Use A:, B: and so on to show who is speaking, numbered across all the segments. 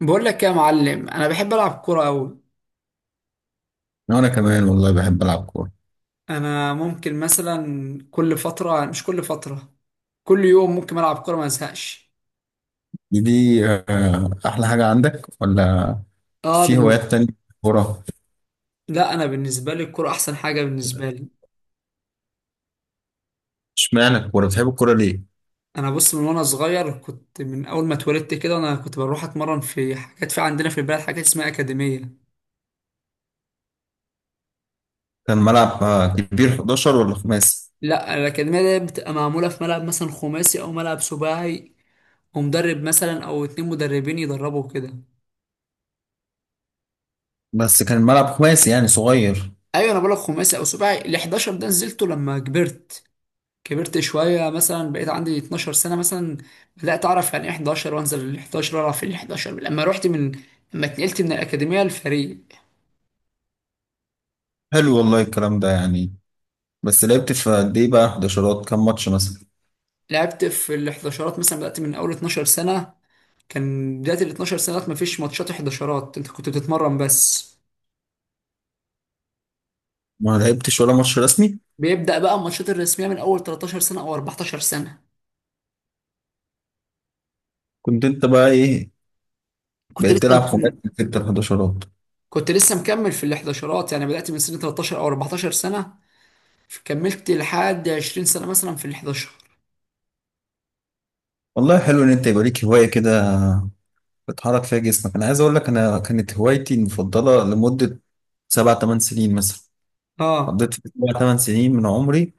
A: بقول لك يا معلم، انا بحب العب كوره قوي.
B: وانا كمان والله بحب العب كوره.
A: انا ممكن مثلا كل فتره مش كل فتره، كل يوم ممكن العب كوره ما ازهقش.
B: دي احلى حاجه عندك ولا
A: اه
B: في هوايات
A: بالنسبه.
B: تانية؟ كوره.
A: لا، انا بالنسبه لي الكوره احسن حاجه بالنسبه لي.
B: اشمعنى الكوره؟ بتحب الكوره ليه؟
A: انا بص، من وانا صغير كنت من اول ما اتولدت كده، انا كنت بروح اتمرن في حاجات، في عندنا في البلد حاجات اسمها اكاديميه.
B: كان ملعب كبير 11 ولا خماسي؟
A: لا، الاكاديميه دي بتبقى معموله في ملعب مثلا خماسي او ملعب سباعي، ومدرب مثلا او اتنين مدربين يدربوا كده.
B: بس كان ملعب خماسي يعني صغير.
A: ايوه، انا بقولك خماسي او سباعي، ال 11 ده نزلته لما كبرت. كبرت شوية مثلا، بقيت عندي 12 سنة مثلا، بدأت أعرف يعني إيه 11، وأنزل ال 11، وأعرف ال 11 لما اتنقلت من الأكاديمية للفريق.
B: حلو والله الكلام ده يعني. بس لعبت في قد ايه بقى 11، كام ماتش مثلا؟
A: لعبت في ال 11 مثلا، بدأت من أول 12 سنة. كان بداية ال 12 سنة مفيش ماتشات 11، أنت كنت بتتمرن بس.
B: ما لعبتش ولا ماتش رسمي؟
A: بيبدأ بقى الماتشات الرسمية من أول 13 سنة أو 14 سنة.
B: كنت انت بقى ايه؟
A: كنت
B: بقيت
A: لسه
B: تلعب خماسي في ال 11؟
A: كنت لسه مكمل في ال 11، يعني بدأت من سن 13 أو 14 سنة. كملت لحد 20 سنة مثلا في ال 11.
B: والله حلو ان انت يبقى ليك هوايه كده بتحرك فيها جسمك. انا عايز اقول لك، انا كانت هوايتي المفضله لمده سبع ثمان سنين مثلا.
A: اه،
B: قضيت في سبع ثمان سنين من عمري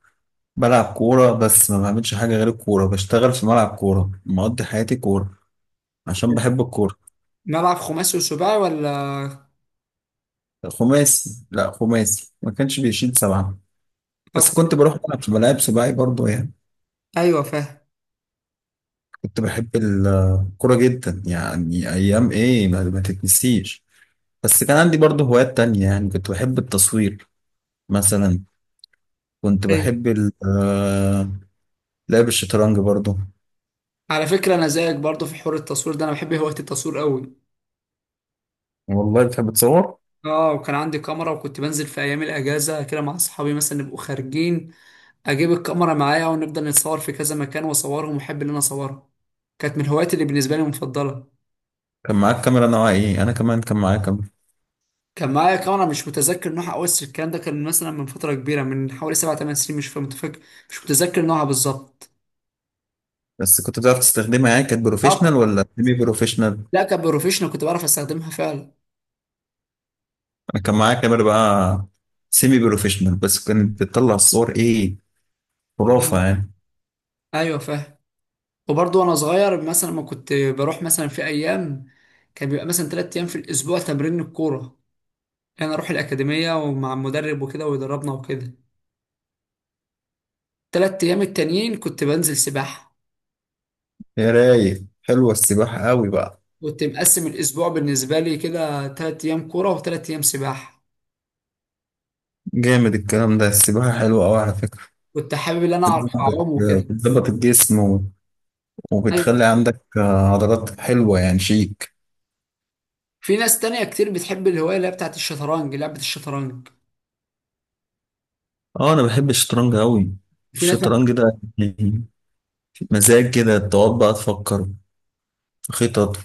B: بلعب كوره، بس ما بعملش حاجه غير الكوره، بشتغل في ملعب كوره، مقضي حياتي كوره عشان بحب الكوره.
A: ملعب خماسي وسباعي ولا
B: خماسي، لا خماسي ما كانش بيشيل سبعه، بس
A: كوكب؟
B: كنت بروح العب في ملاعب سباعي برضه يعني.
A: ايوه فاهم.
B: كنت بحب الكوره جدا يعني، ايام ايه ما تتنسيش. بس كان عندي برضه هوايات تانية، يعني كنت بحب التصوير مثلا. كنت
A: ايوه،
B: بحب لعب الشطرنج برضو.
A: على فكره انا زيك برضه في حوار التصوير ده، انا بحب هوايه التصوير قوي.
B: والله بتحب تصور؟
A: اه، وكان عندي كاميرا، وكنت بنزل في ايام الاجازه كده مع اصحابي، مثلا نبقوا خارجين، اجيب الكاميرا معايا، ونفضل نتصور في كذا مكان واصورهم، واحب ان انا اصورهم. كانت من الهوايات اللي بالنسبه لي مفضله.
B: كان معاك كاميرا نوعها ايه؟ انا كمان كان معايا كاميرا.
A: كان معايا كاميرا مش متذكر نوعها قوي، بس الكلام ده كان مثلا من فتره كبيره، من حوالي 7 8 سنين. مش متذكر نوعها بالظبط.
B: بس كنت بتعرف تستخدمها؟ يعني كانت
A: اه.
B: بروفيشنال
A: كنت-
B: ولا سيمي بروفيشنال؟
A: لا، كان بروفيشنال، كنت بعرف استخدمها فعلا.
B: انا كان معايا كاميرا بقى سيمي بروفيشنال، بس كانت بتطلع الصور ايه، خرافة
A: آه.
B: يعني.
A: ايوه فاهم. وبرضه وانا صغير مثلا، ما كنت بروح مثلا في ايام، كان بيبقى مثلا 3 ايام في الاسبوع تمرين الكوره. انا اروح الاكاديميه ومع المدرب وكده، ويدربنا وكده. 3 ايام التانيين كنت بنزل سباحه.
B: يا رايق، حلوة السباحة قوي بقى.
A: كنت مقسم الاسبوع بالنسبه لي كده، 3 ايام كوره وثلاث ايام سباحه.
B: جامد الكلام ده، السباحة حلوة قوي على فكرة.
A: كنت حابب ان انا اعرف
B: بتظبط،
A: اعوم وكده.
B: بتظبط الجسم
A: أيوة.
B: وبتخلي عندك عضلات حلوة، يعني شيء.
A: في ناس تانية كتير بتحب الهوايه اللي هي بتاعت الشطرنج، لعبه الشطرنج.
B: اه انا بحب الشطرنج قوي.
A: في ناس.
B: الشطرنج ده يعني مزاج كده، تقعد بقى تفكر في خطط.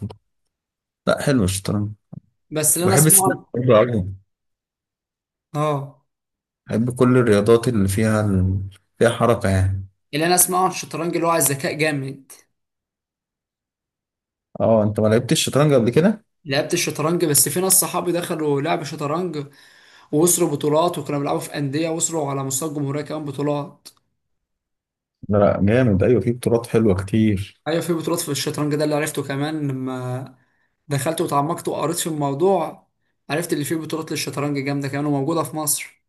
B: لا حلو الشطرنج.
A: بس اللي انا
B: وبحب
A: اسمعه
B: السباحة
A: عن-
B: برضه قوي.
A: اه
B: بحب كل الرياضات اللي فيها ال... فيها حركة يعني.
A: اللي انا اسمعه عن الشطرنج اللي هو على الذكاء جامد.
B: اه انت ما لعبتش الشطرنج قبل كده؟
A: لعبت الشطرنج، بس في ناس صحابي دخلوا لعب شطرنج، ووصلوا بطولات، وكانوا بيلعبوا في أندية، وصلوا على مستوى الجمهورية كمان بطولات.
B: لا لا جامد، ايوه في بطولات حلوة كتير.
A: أيوة في بطولات في الشطرنج ده، اللي عرفته كمان لما دخلت وتعمقت وقريت في الموضوع. عرفت اللي فيه بطولات للشطرنج جامدة كمان، وموجودة في مصر.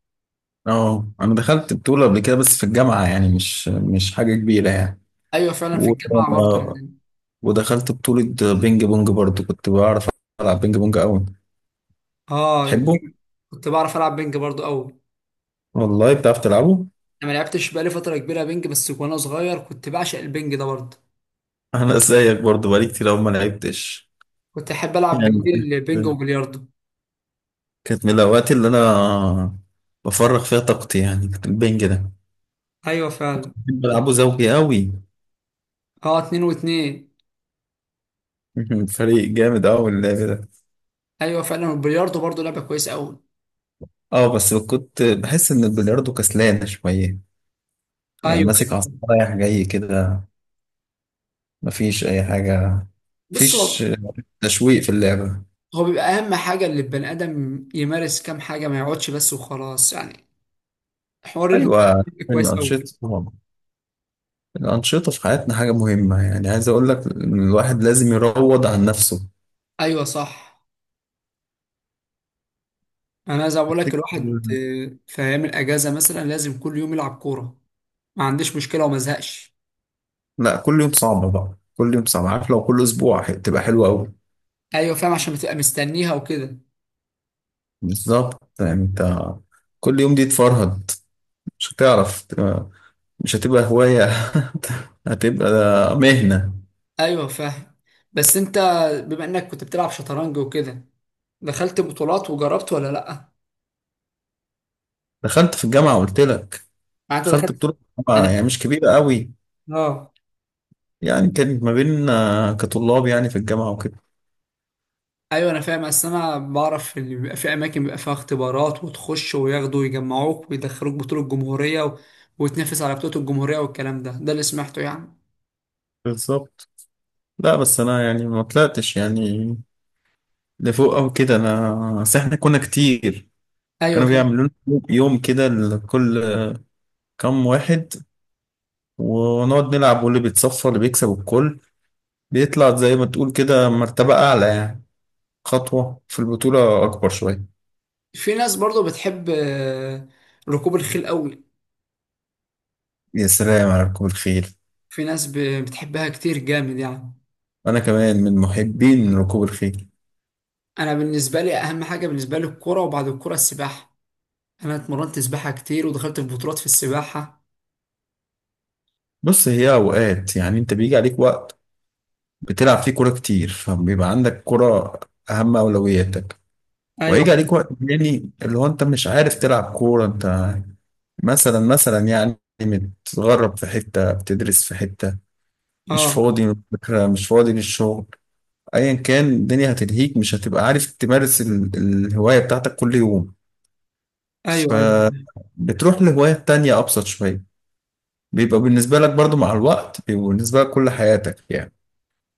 B: اه انا دخلت بطولة قبل كده بس في الجامعة، يعني مش حاجة كبيرة يعني.
A: أيوة، فعلا في
B: و...
A: الجامعة برضه عندنا.
B: ودخلت بطولة بينج بونج برضه، كنت بعرف ألعب بينج بونج قوي.
A: آه،
B: تحبه؟
A: كنت بعرف ألعب بينج برضه أوي.
B: والله بتعرف تلعبه؟
A: أنا ما لعبتش بقالي فترة كبيرة بينج، بس وأنا صغير كنت بعشق البينج ده برضه.
B: انا زيك برضو بقالي كتير أوي ما لعبتش،
A: كنت أحب ألعب
B: يعني
A: بالليل بينج وبلياردو.
B: كانت من الاوقات اللي انا بفرغ فيها طاقتي، يعني كنت البنج ده
A: أيوة فعلا.
B: بحب العبه زوجي قوي.
A: آه، اتنين واتنين.
B: فريق جامد قوي اللعب ده.
A: ايوه فعلا، والبلياردو برضه لعبه كويسه قوي.
B: اه بس كنت بحس ان البلياردو كسلان شويه، يعني
A: ايوه،
B: ماسك عصا
A: ايوه.
B: رايح جاي كده، مفيش اي حاجه،
A: بص،
B: مفيش
A: هو
B: تشويق في اللعبه.
A: هو بيبقى اهم حاجه اللي البني ادم يمارس كام حاجه، ما يقعدش بس وخلاص يعني. حوار الهوايه ده
B: ايوه،
A: بيبقى كويس قوي.
B: الانشطه طبعا. الانشطه في حياتنا حاجه مهمه، يعني عايز اقول لك إن الواحد لازم يروض عن نفسه.
A: ايوه صح. انا زي ما بقول لك
B: تفتكر؟
A: الواحد، في ايام الاجازه مثلا لازم كل يوم يلعب كوره. ما عنديش مشكله وما ازهقش.
B: لا كل يوم صعب بقى، كل يوم صعب، عارف لو كل اسبوع تبقى حلوه قوي.
A: ايوه فاهم، عشان بتبقى مستنيها وكده.
B: بالظبط، يعني انت كل يوم دي تفرهد، مش هتعرف مش هتبقى هوايه، هتبقى مهنه.
A: ايوه فاهم. بس انت، بما انك كنت بتلعب شطرنج وكده، دخلت بطولات وجربت ولا لا؟
B: دخلت في الجامعه قلت لك،
A: يعني انت
B: دخلت
A: دخلت.
B: بطوله
A: انا.
B: الجامعه يعني مش كبيره قوي.
A: اه.
B: يعني كانت ما بين كطلاب يعني في الجامعه وكده.
A: ايوه انا فاهم، اصل انا بعرف ان بيبقى في اماكن بيبقى فيها اختبارات، وتخش وياخدوا ويجمعوك ويدخلوك بطولة الجمهورية وتنافس على بطولة الجمهورية والكلام ده اللي سمعته يعني.
B: بالظبط. لا بس انا يعني ما طلعتش يعني لفوق او كده، انا بس احنا كنا كتير.
A: ايوه
B: كانوا
A: فاهم.
B: بيعملوا لنا يوم كده لكل كام واحد، ونقعد نلعب، واللي بيتصفى، اللي بيكسب الكل بيطلع زي ما تقول كده مرتبة أعلى، يعني خطوة في البطولة أكبر شوية.
A: في ناس برضو بتحب ركوب الخيل قوي.
B: يا سلام على ركوب الخيل.
A: في ناس بتحبها كتير جامد يعني.
B: أنا كمان من محبين ركوب الخيل.
A: انا بالنسبة لي اهم حاجة بالنسبة لي الكرة، وبعد الكرة السباحة. انا اتمرنت سباحة كتير، ودخلت في بطولات في السباحة.
B: بص هي أوقات، يعني أنت بيجي عليك وقت بتلعب فيه كورة كتير، فبيبقى عندك كورة أهم أولوياتك.
A: ايوه
B: وهيجي
A: فاهم.
B: عليك وقت تاني اللي هو أنت مش عارف تلعب كورة، أنت مثلا مثلا يعني متغرب في حتة، بتدرس في حتة، مش
A: اه.
B: فاضي من الفكرة، مش فاضي للشغل، ايا كان الدنيا هتلهيك، مش هتبقى عارف تمارس الهواية بتاعتك كل يوم.
A: ايوه ايوه.
B: فبتروح لهواية تانية ابسط شوية، بيبقى بالنسبة لك برضو مع الوقت، بيبقى بالنسبة لك كل حياتك يعني.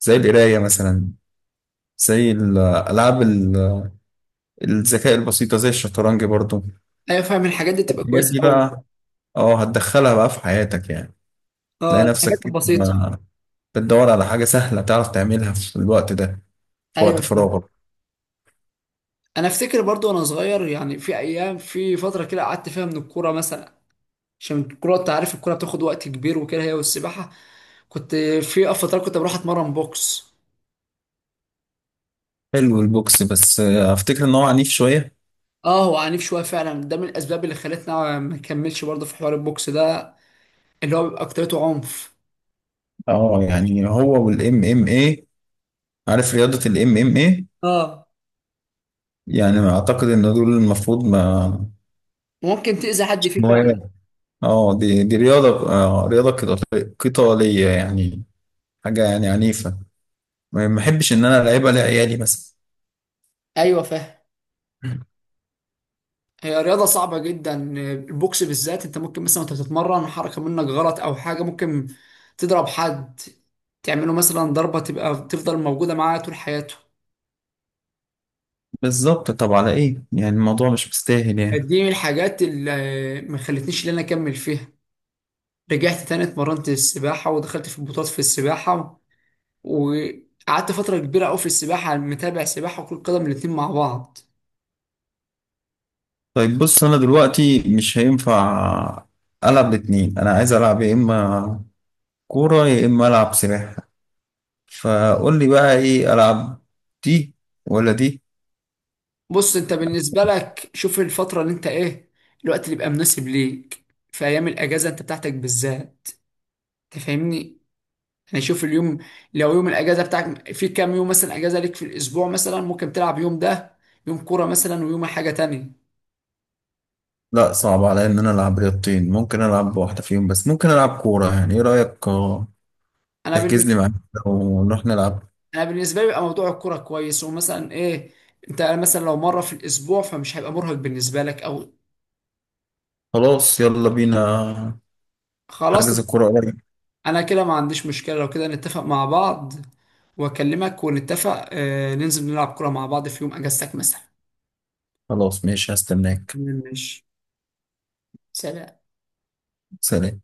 B: زي القراية مثلا، زي الألعاب الذكاء البسيطة، زي الشطرنج برضو.
A: ايوه فاهم، الحاجات دي تبقى
B: الحاجات
A: كويسة
B: دي
A: قوي.
B: بقى اه هتدخلها بقى في حياتك يعني.
A: اه،
B: تلاقي
A: الحاجات
B: نفسك كده
A: البسيطة.
B: بتدور على حاجة سهلة تعرف تعملها في الوقت ده، في وقت
A: ايوه فاهم.
B: فراغك.
A: انا افتكر برضو وانا صغير، يعني في ايام، في فتره كده قعدت فيها من الكوره مثلا. عشان الكوره، انت عارف الكوره بتاخد وقت كبير وكده، هي والسباحه. كنت، في فترات كنت بروح اتمرن بوكس.
B: حلو البوكس، بس افتكر ان هو عنيف شوية.
A: اه، هو عنيف شويه فعلا، ده من الاسباب اللي خلتنا ما نكملش برضو في حوار البوكس ده، اللي هو بيبقى اكترته عنف.
B: اه يعني هو والام ام اي، عارف رياضة الام ام اي؟
A: اه،
B: يعني اعتقد ان دول المفروض ما
A: ممكن تأذي حد فيه فعلا.
B: مواهب. اه دي رياضة رياضة قتالية يعني، حاجة يعني عنيفة. ما بحبش ان انا العبها لعيالي مثلا.
A: ايوه فاهم. هي رياضة صعبة جدا. البوكس بالذات، انت ممكن مثلا وانت بتتمرن حركة منك غلط او حاجة، ممكن تضرب حد، تعمله مثلا ضربة تبقى تفضل موجودة معاه طول حياته.
B: بالظبط، طب على ايه يعني، الموضوع مش مستاهل يعني.
A: دي من الحاجات اللي ما خلتنيش ان انا اكمل فيها. رجعت تاني اتمرنت السباحة، ودخلت في بطولات في السباحة، وقعدت فترة كبيرة قوي في السباحة، متابع سباحة وكرة قدم الاتنين مع بعض.
B: طيب بص انا دلوقتي مش هينفع العب الاتنين، انا عايز العب يا اما كورة يا اما العب سباحة. فقول لي بقى ايه العب، دي ولا دي؟
A: بص انت، بالنسبة لك شوف الفترة اللي انت ايه، الوقت اللي يبقى مناسب ليك في ايام الاجازة انت بتاعتك بالذات، تفهمني. يعني شوف اليوم، لو يوم الاجازه بتاعك، في كام يوم مثلا اجازه ليك في الاسبوع، مثلا ممكن تلعب يوم ده، يوم كوره مثلا ويوم حاجه تانية.
B: لا صعب عليا ان انا العب رياضتين، ممكن العب واحده فيهم بس، ممكن العب كوره، يعني ايه رايك؟
A: انا
B: تحجز لي
A: بالنسبه
B: معاك ونروح نلعب.
A: انا بالنسبه لي بيبقى موضوع الكوره كويس، ومثلا ايه، انت مثلا لو مره في الاسبوع فمش هيبقى مرهق بالنسبه لك او.
B: خلاص يلا بينا.
A: خلاص.
B: حجز كوره قريب.
A: انا كده ما عنديش مشكله، لو كده نتفق مع بعض، واكلمك ونتفق، ننزل نلعب كوره مع بعض في يوم اجازتك مثلا.
B: خلاص ماشي هستناك.
A: ماشي. سلام.
B: سلام.